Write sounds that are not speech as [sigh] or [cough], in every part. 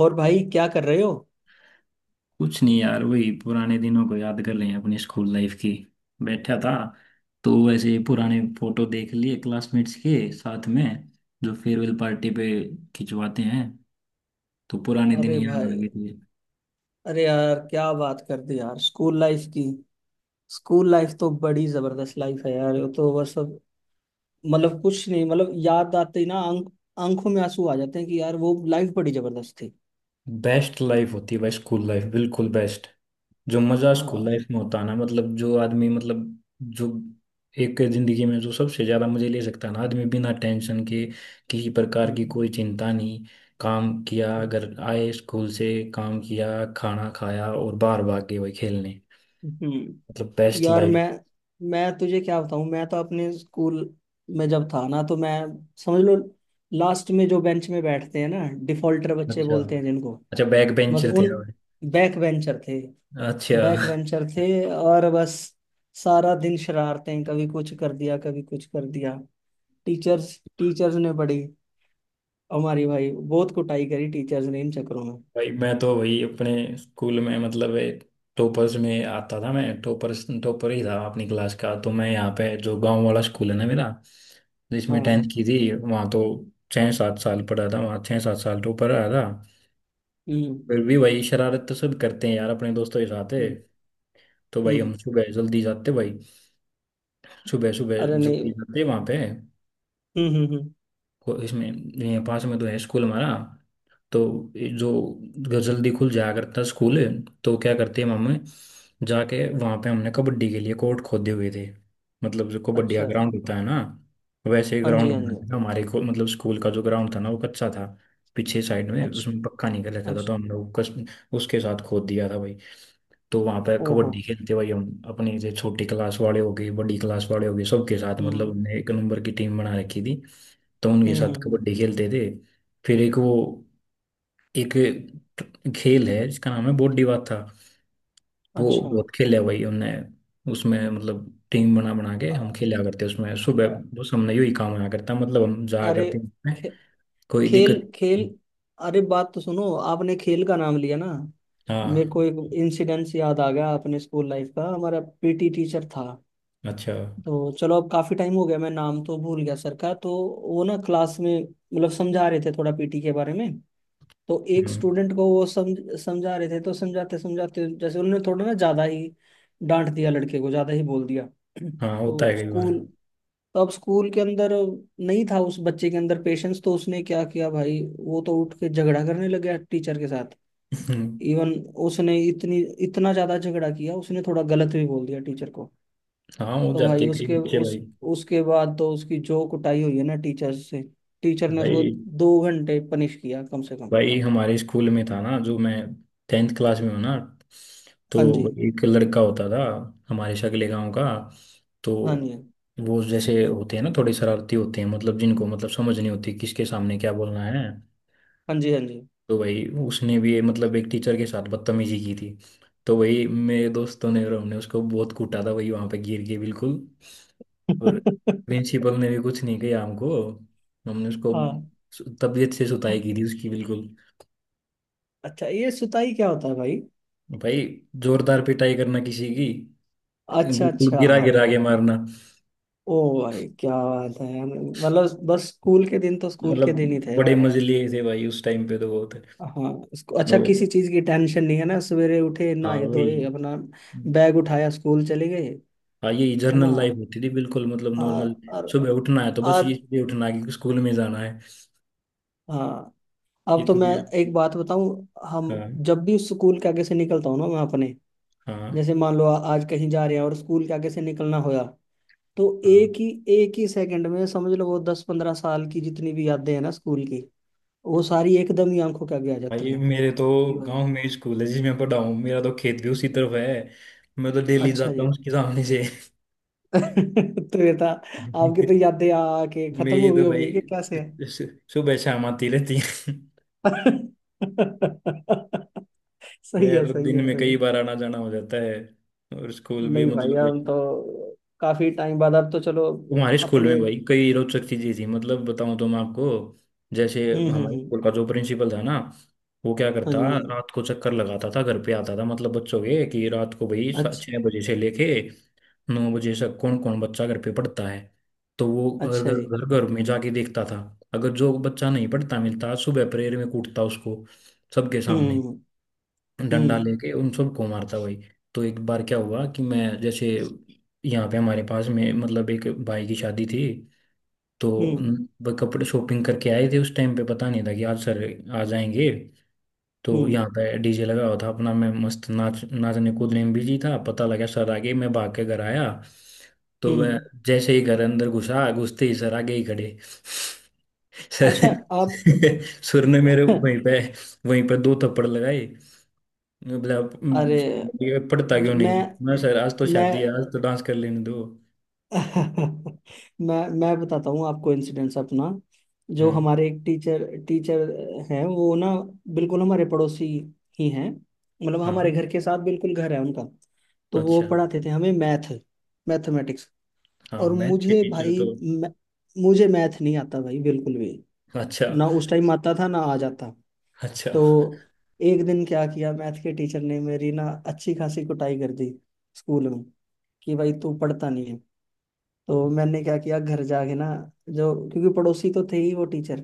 और भाई क्या कर रहे हो? कुछ नहीं यार, वही पुराने दिनों को याद कर रहे हैं अपनी स्कूल लाइफ की। बैठा था तो वैसे पुराने फोटो देख लिए क्लासमेट्स के साथ में, जो फेयरवेल पार्टी पे खिंचवाते हैं। तो पुराने दिन अरे याद आ भाई। गए थे। अरे यार क्या बात कर दी यार, स्कूल लाइफ की। स्कूल लाइफ तो बड़ी जबरदस्त लाइफ है यार, वो तो बस मतलब कुछ नहीं। मतलब याद आते ही ना आंखों में आंसू आ जाते हैं कि यार वो लाइफ बड़ी जबरदस्त थी। बेस्ट लाइफ होती है भाई स्कूल लाइफ, बिल्कुल बेस्ट। जो मजा स्कूल हाँ। लाइफ में होता है ना, मतलब जो आदमी मतलब जो एक जिंदगी में जो सबसे ज्यादा मजे ले सकता है ना आदमी, बिना टेंशन के, किसी प्रकार की हम्म, कोई चिंता नहीं। काम किया, अगर आए स्कूल से काम किया, खाना खाया और बाहर भाग गए वही खेलने। हम्म। मतलब बेस्ट यार लाइफ। मैं तुझे क्या बताऊं। मैं तो अपने स्कूल में जब था ना तो मैं समझ लो लास्ट में जो बेंच में बैठते हैं ना, डिफॉल्टर बच्चे अच्छा। बोलते हैं जिनको, अच्छा, बैक बस बेंचर थे उन। आप। बैक बेंचर थे। बैक अच्छा। बेंचर थे। और बस सारा दिन शरारतें, कभी कुछ कर दिया, कभी कुछ कर दिया। टीचर्स टीचर्स ने बड़ी हमारी भाई बहुत कुटाई करी टीचर्स ने इन चक्करों में। भाई मैं तो वही अपने स्कूल में मतलब टॉपर्स में आता था, मैं टॉपर्स टॉपर ही था अपनी क्लास का। तो मैं यहाँ पे जो गांव वाला स्कूल है ना मेरा, जिसमें टेंथ हाँ। की थी वहाँ तो 6-7 साल पढ़ा था। वहाँ 6-7 साल टॉपर रहा था। हम्म फिर भी भाई शरारत तो सब करते हैं यार अपने दोस्तों के साथ है। हम्म तो भाई हम्म। हम सुबह जल्दी जाते भाई, सुबह सुबह अरे नहीं। जल्दी जाते वहाँ पे। हम्म। इसमें ये पास में तो है स्कूल हमारा। तो ये जो जल्दी खुल जाया करता स्कूल। तो क्या करते हैं मम्मी, जाके वहाँ पे हमने कबड्डी के लिए कोर्ट खोदे हुए थे। मतलब जो कबड्डी का अच्छा। ग्राउंड होता है ना, वैसे ही हाँ ग्राउंड जी हाँ बना जी। था हमारे को। मतलब स्कूल का जो ग्राउंड था ना वो कच्चा था, पीछे साइड में अच्छा। उसमें पक्का नहीं कर रखा था। तो अच्छा। हम लोग कस, उसके साथ खोद दिया था भाई। तो वहां पर ओहो। कबड्डी खेलते भाई। हम अपने से छोटी क्लास वाले हो गए, बड़ी क्लास वाले हो गए, सबके साथ, मतलब हम्म हमने एक नंबर की टीम बना रखी थी। तो उनके हम्म। साथ कबड्डी खेलते थे। फिर एक वो, एक खेल है जिसका नाम है बॉडी बाथा। वो अच्छा। बहुत खेला है भाई हमने। उसमें मतलब टीम बना बना के हम अ- खेला करते उसमें सुबह। बस हमने यही काम आया करता, मतलब हम जाया अरे, करते उसमें, खे- कोई खेल दिक्कत। खेल। अरे, बात तो सुनो, आपने खेल का नाम लिया ना, मेरे को हाँ। एक इंसिडेंस याद आ गया अपने स्कूल लाइफ का। हमारा पीटी टीचर था। अच्छा। तो चलो अब काफी टाइम हो गया, मैं नाम तो भूल गया सर का। तो वो ना क्लास में मतलब समझा रहे थे थोड़ा पीटी के बारे में। तो एक हम्म। स्टूडेंट को वो समझा रहे थे। तो समझाते समझाते जैसे उन्होंने थोड़ा ना ज्यादा ही डांट दिया लड़के को, ज्यादा ही बोल दिया। [clears throat] हाँ होता है तो कई बार। स्कूल तो अब स्कूल के अंदर नहीं था उस बच्चे के अंदर पेशेंस। तो उसने क्या किया भाई, वो तो उठ के झगड़ा करने लग गया टीचर के साथ। इवन [laughs] उसने इतनी इतना ज्यादा झगड़ा किया। उसने थोड़ा गलत भी बोल दिया टीचर को। हाँ, हो तो जाती भाई है कई उसके बच्चे भाई। उस उसके बाद तो उसकी जो कुटाई हुई है ना टीचर से, टीचर ने उसको भाई, 2 घंटे पनिश किया कम से कम। भाई हमारे स्कूल में था ना, जो मैं टेंथ क्लास में हूँ ना, तो हाँ जी वो एक लड़का होता था हमारे शगले गांव का। तो हाँ जी। वो जैसे होते हैं ना थोड़े शरारती होते हैं, मतलब जिनको मतलब समझ नहीं होती किसके सामने क्या बोलना है। हाँ जी हाँ जी। तो भाई उसने भी मतलब एक टीचर के साथ बदतमीजी की थी। तो वही मेरे दोस्तों ने और हमने उसको बहुत कूटा था, वही वहां पे गिर के, बिल्कुल। और [laughs] प्रिंसिपल ने भी कुछ नहीं किया हमको। हमने उसको हाँ। तबीयत से सुताई की थी उसकी, बिल्कुल। अच्छा ये सुताई क्या होता है भाई? भाई, जोरदार पिटाई करना किसी की, अच्छा। बिल्कुल अच्छा। गिरा गिरा के मारना। ओ, भाई क्या बात है, मतलब बस स्कूल के दिन तो स्कूल के मतलब दिन ही थे बड़े यार। मजे लिए थे भाई उस टाइम पे, तो बहुत। हाँ, इसको अच्छा तो, किसी चीज की टेंशन नहीं है ना। सवेरे उठे, हाँ नहाए धोए, वही। अपना बैग उठाया, स्कूल चले गए। हाँ, यही है ना। जर्नल लाइफ होती थी, बिल्कुल, मतलब आ, नॉर्मल। और। सुबह उठना है तो बस ये आज। ये उठना है कि स्कूल में जाना है। हाँ। अब तो मैं इतने। एक बात बताऊं। हम हाँ। जब भी स्कूल के आगे से निकलता हूँ ना मैं अपने, हाँ। जैसे मान लो आज कहीं जा रहे हैं और स्कूल के आगे से निकलना होया, तो हाँ, एक ही सेकंड में समझ लो, वो 10-15 साल की जितनी भी यादें हैं ना स्कूल की, वो सारी एकदम ही आंखों के आगे आ जाती भाई हैं। मेरे तो जी भाई। गांव में ही स्कूल है जिसमें पढ़ा हूँ, मेरा तो खेत भी उसी तरफ है। मैं तो डेली अच्छा जाता हूँ जी। उसके सामने से। [laughs] तो ये था। आपकी तो [laughs] यादें आके खत्म मेरी हो गई तो होगी, भाई कि कैसे है। सुबह शाम आती रहती है। [laughs] सही मेरा है तो सही दिन है में सही कई है। बार आना जाना हो जाता है। और स्कूल भी नहीं भाई, मतलब, हम तो काफी टाइम बाद, अब तो चलो हमारे स्कूल में अपने। भाई कई रोचक चीजें थी, मतलब बताऊं तो मैं आपको। जैसे हम्म हमारे हम्म स्कूल का जो प्रिंसिपल था ना, वो क्या करता, हम्म। हाँ जी रात को चक्कर लगाता था, घर पे आता था, मतलब बच्चों के, कि रात को भाई हाँ जी। अच्छा। 6 बजे से लेके 9 बजे तक कौन कौन बच्चा घर पे पढ़ता है। तो वो घर अच्छा घर जी। घर घर में जाके देखता था। अगर जो बच्चा नहीं पढ़ता मिलता, सुबह प्रेयर में कूटता उसको, सबके सामने हम्म डंडा हम्म लेके उन सबको मारता भाई। तो एक बार क्या हुआ कि मैं जैसे, यहाँ पे हमारे पास में मतलब एक भाई की शादी थी। तो हम्म। वो कपड़े शॉपिंग करके आए थे। उस टाइम पे पता नहीं था कि आज सर आ जाएंगे। हम्म तो हम्म यहाँ पे डीजे लगा हुआ था अपना, मैं मस्त नाच नाचने कूदने में बिजी था। पता लगा सर आ गए, मैं भाग के घर आया। तो मैं हम्म। जैसे ही घर अंदर घुसा, घुसते ही सर आगे ही खड़े। [laughs] अच्छा। सर। आप? [laughs] सुर ने मेरे वहीं पे, वहीं पे 2 थप्पड़ लगाए। मतलब अरे ये पढ़ता ज- क्यों मैं नहीं। मैं, सर आज तो मैं शादी है, आज तो डांस कर लेने दो। [laughs] मैं बताता हूँ आपको इंसिडेंस अपना। जो हम्म। हमारे एक टीचर टीचर हैं वो ना बिल्कुल हमारे पड़ोसी ही हैं। मतलब हाँ। हमारे घर के साथ बिल्कुल घर है उनका। तो वो अच्छा। पढ़ाते थे हमें मैथमेटिक्स। हाँ, और मैथ के मुझे टीचर भाई तो मुझे मैथ नहीं आता भाई बिल्कुल भी। अच्छा ना उस टाइम आता था, ना आज आता। अच्छा। तो एक दिन क्या किया मैथ के टीचर ने, मेरी ना अच्छी खासी कुटाई कर दी स्कूल में, कि भाई तू पढ़ता नहीं है। तो मैंने क्या किया घर जाके ना, जो क्योंकि पड़ोसी तो थे ही वो टीचर,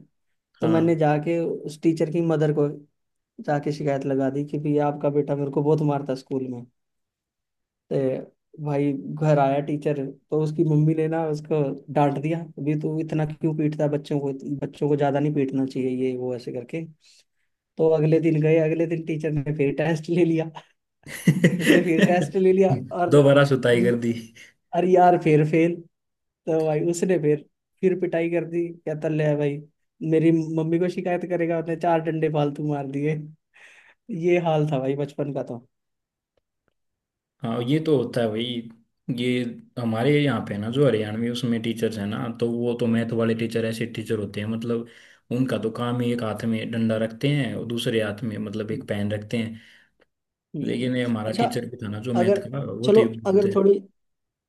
तो मैंने हाँ। जाके उस टीचर की मदर को जाके शिकायत लगा दी कि भाई आपका बेटा मेरे को बहुत मारता है स्कूल में। ते भाई घर आया टीचर, तो उसकी मम्मी ने ना उसको डांट दिया, अभी तू इतना क्यों पीटता है बच्चों को, बच्चों को ज्यादा नहीं पीटना चाहिए, ये वो ऐसे करके। तो अगले दिन गए, अगले दिन टीचर ने फिर टेस्ट ले लिया। उसने फिर टेस्ट ले लिया, [laughs] और दोबारा सुताई कर दी। अरे यार फिर फेल। तो भाई उसने फिर पिटाई कर दी, कहता ले भाई, मेरी मम्मी को शिकायत करेगा, उसने चार डंडे फालतू मार दिए। ये हाल था भाई बचपन का। तो हाँ ये तो होता है भाई। ये हमारे यहाँ पे ना जो हरियाणवी, उसमें टीचर्स हैं ना, तो वो तो मैथ वाले टीचर ऐसे टीचर होते हैं मतलब, उनका तो काम ही एक हाथ में डंडा रखते हैं और दूसरे हाथ में मतलब एक हम्म, पेन रखते हैं। हम्म। लेकिन ये हमारा अच्छा। टीचर भी था ना जो मैथ अगर का, वो तो। चलो,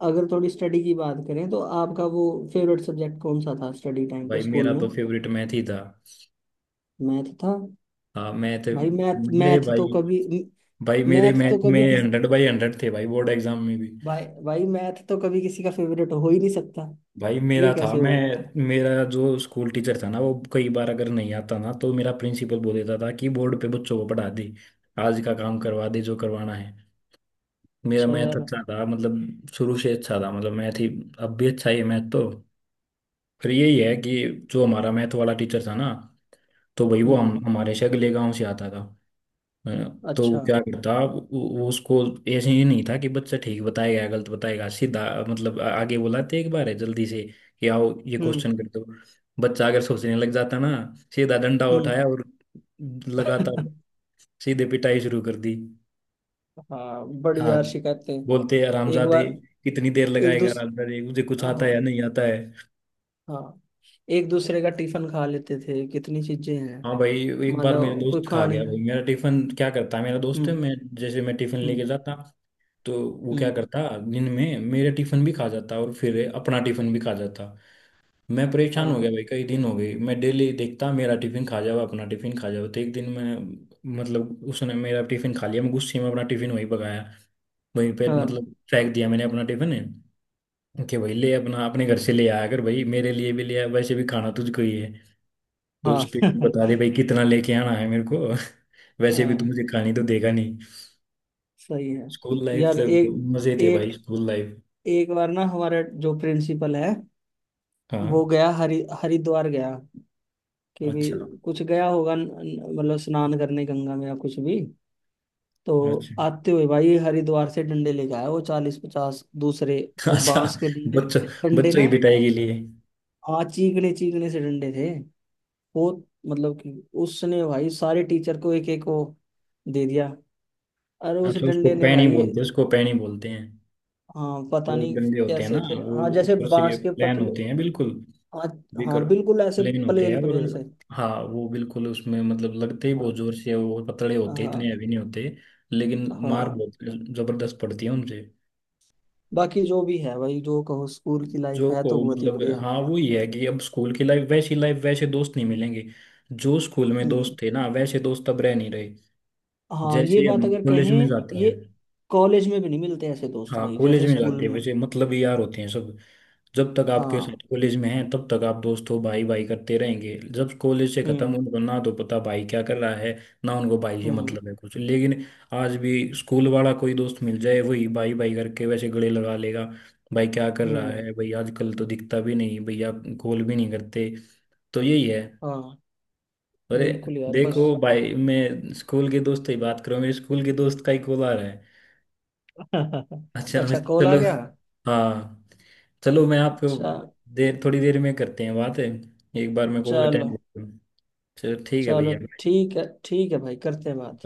अगर थोड़ी स्टडी की बात करें तो आपका वो फेवरेट सब्जेक्ट कौन सा था स्टडी टाइम पे भाई स्कूल मेरा में? तो फेवरेट मैथ ही था। मैथ था? हाँ, मैथ। भाई मैथ मेरे मैथ तो भाई, कभी, भाई मेरे मैथ तो मैथ में कभी किस 100/100 थे भाई, बोर्ड एग्जाम में भी। भाई भाई मैथ तो कभी किसी का फेवरेट हो ही नहीं सकता। भाई ये मेरा था। कैसे हो मैं, गया? मेरा जो स्कूल टीचर था ना, वो कई बार अगर नहीं आता ना, तो मेरा प्रिंसिपल बोल देता था कि बोर्ड पे बच्चों को पढ़ा दे, आज का काम करवा दे जो करवाना है। मेरा अच्छा मैथ यार। अच्छा था, मतलब शुरू से अच्छा था, मतलब मैथ ही अब भी अच्छा ही है, मैथ तो। फिर यही है कि जो हमारा मैथ वाला टीचर था ना, तो भाई वो हम हम्म। हमारे से अगले गाँव से आता था। हाँ, तो वो अच्छा। क्या करता। वो उसको, ऐसे ही नहीं था कि बच्चा ठीक बताएगा या गलत बताएगा सीधा। मतलब आगे बुलाते एक बार है जल्दी से कि आओ ये हम्म क्वेश्चन कर दो। बच्चा अगर सोचने लग जाता ना, सीधा डंडा उठाया हम्म। और लगातार [laughs] सीधे पिटाई शुरू कर दी। हाँ बड़ी हाँ, यार शिकायतें। बोलते हैं, एक हरामजादे बार। कितनी देर एक लगाएगा, दूसरे। हरामजादे मुझे कुछ आता है या हाँ नहीं आता है। हाँ। एक दूसरे का टिफिन खा लेते थे, कितनी चीजें हैं। हाँ भाई, एक मान बार मेरे लो कोई दोस्त खा खाने गया भाई का। मेरा टिफिन। क्या करता है मेरा दोस्त है, हम्म मैं जैसे मैं टिफिन हम्म लेके जाता, तो वो क्या हम्म। करता, दिन में मेरे टिफिन भी खा जाता और फिर अपना टिफिन भी खा जाता। मैं परेशान हो गया हाँ भाई कई दिन हो गए, मैं डेली देखता मेरा टिफिन खा जाओ अपना टिफिन खा जाओ। तो एक दिन मैं, मतलब उसने मेरा टिफिन खा लिया, मैं गुस्से में अपना टिफिन वहीं पकाया, वहीं पे हाँ मतलब फेंक दिया मैंने अपना टिफिन। कि भाई ले, अपना अपने घर से ले आया कर भाई, मेरे लिए भी ले आया, वैसे भी खाना तुझको ही है। तो उस हाँ। पे बता दे [laughs] भाई कितना लेके आना है मेरे को। [laughs] वैसे भी तू हाँ मुझे खानी तो देगा नहीं। सही है। स्कूल लाइफ यार से एक मजे थे एक भाई, स्कूल लाइफ। एक बार ना हमारा जो प्रिंसिपल है वो हाँ। गया हरिद्वार गया, कि भी अच्छा। कुछ गया होगा मतलब स्नान करने गंगा में या कुछ भी। तो अच्छा। आते हुए भाई हरिद्वार से डंडे लेके आया, वो 40-50 दूसरे, [laughs] वो अच्छा, बांस के डंडे, बच्चों, डंडे बच्चों ना, की पिटाई के लिए। आ चीकने चीकने से डंडे थे वो, मतलब कि उसने भाई सारे टीचर को एक एक को दे दिया। अरे उस अच्छा, उसको डंडे ने पैनी भाई। बोलते हैं, उसको पैनी बोलते हैं। हाँ पता जो नहीं डंडे होते हैं ना, कैसे थे। वो हाँ जैसे ऊपर से बांस के प्लेन पतले। होते हैं, बिल्कुल। हाँ बिकर हाँ बिल्कुल ऐसे। प्लेन होते हैं, प्लेन और। प्लेन से। हाँ, वो बिल्कुल उसमें मतलब लगते ही बहुत हाँ जोर से है, वो पतले होते हैं, इतने हाँ हैवी नहीं होते। लेकिन मार हाँ। बहुत जबरदस्त पड़ती है उनसे। बाकी जो भी है भाई, जो कहो, स्कूल की लाइफ जो है तो को बहुत ही मतलब, बढ़िया। हाँ वो ये है कि अब स्कूल की लाइफ, वैसी लाइफ वैसे दोस्त नहीं मिलेंगे। जो स्कूल में दोस्त हम्म। थे ना, वैसे दोस्त अब रह नहीं रहे। हाँ ये जैसे बात हम अगर कॉलेज में कहें। जाते ये हैं। कॉलेज में भी नहीं मिलते ऐसे दोस्त हाँ, भाई, कॉलेज जैसे में स्कूल जाते हैं में। वैसे मतलबी यार होते हैं सब। जब तक आपके हाँ। साथ कॉलेज में हैं, तब तक आप दोस्त हो, भाई भाई करते रहेंगे। जब कॉलेज से खत्म, हम्म उनको ना तो पता भाई क्या कर रहा है, ना उनको भाई से हम्म मतलब है कुछ। लेकिन आज भी स्कूल वाला कोई दोस्त मिल जाए, वही भाई भाई करके वैसे गले लगा लेगा। भाई क्या कर रहा हम्म। है भाई, आजकल तो दिखता भी नहीं भैया, कॉल भी नहीं करते। तो यही है। हाँ अरे, बिल्कुल यार देखो बस। भाई, मैं स्कूल के दोस्त की बात करूँ, मेरे स्कूल के दोस्त का ही कॉल आ रहा है। [laughs] अच्छा मैं अच्छा कॉल आ चलो, गया। हाँ, चलो मैं आपको चा, देर, थोड़ी देर में करते हैं बात है। एक बार मैं कॉल अटेंड। चलो चलो ठीक है चलो। भैया। ठीक है भाई, करते हैं बात।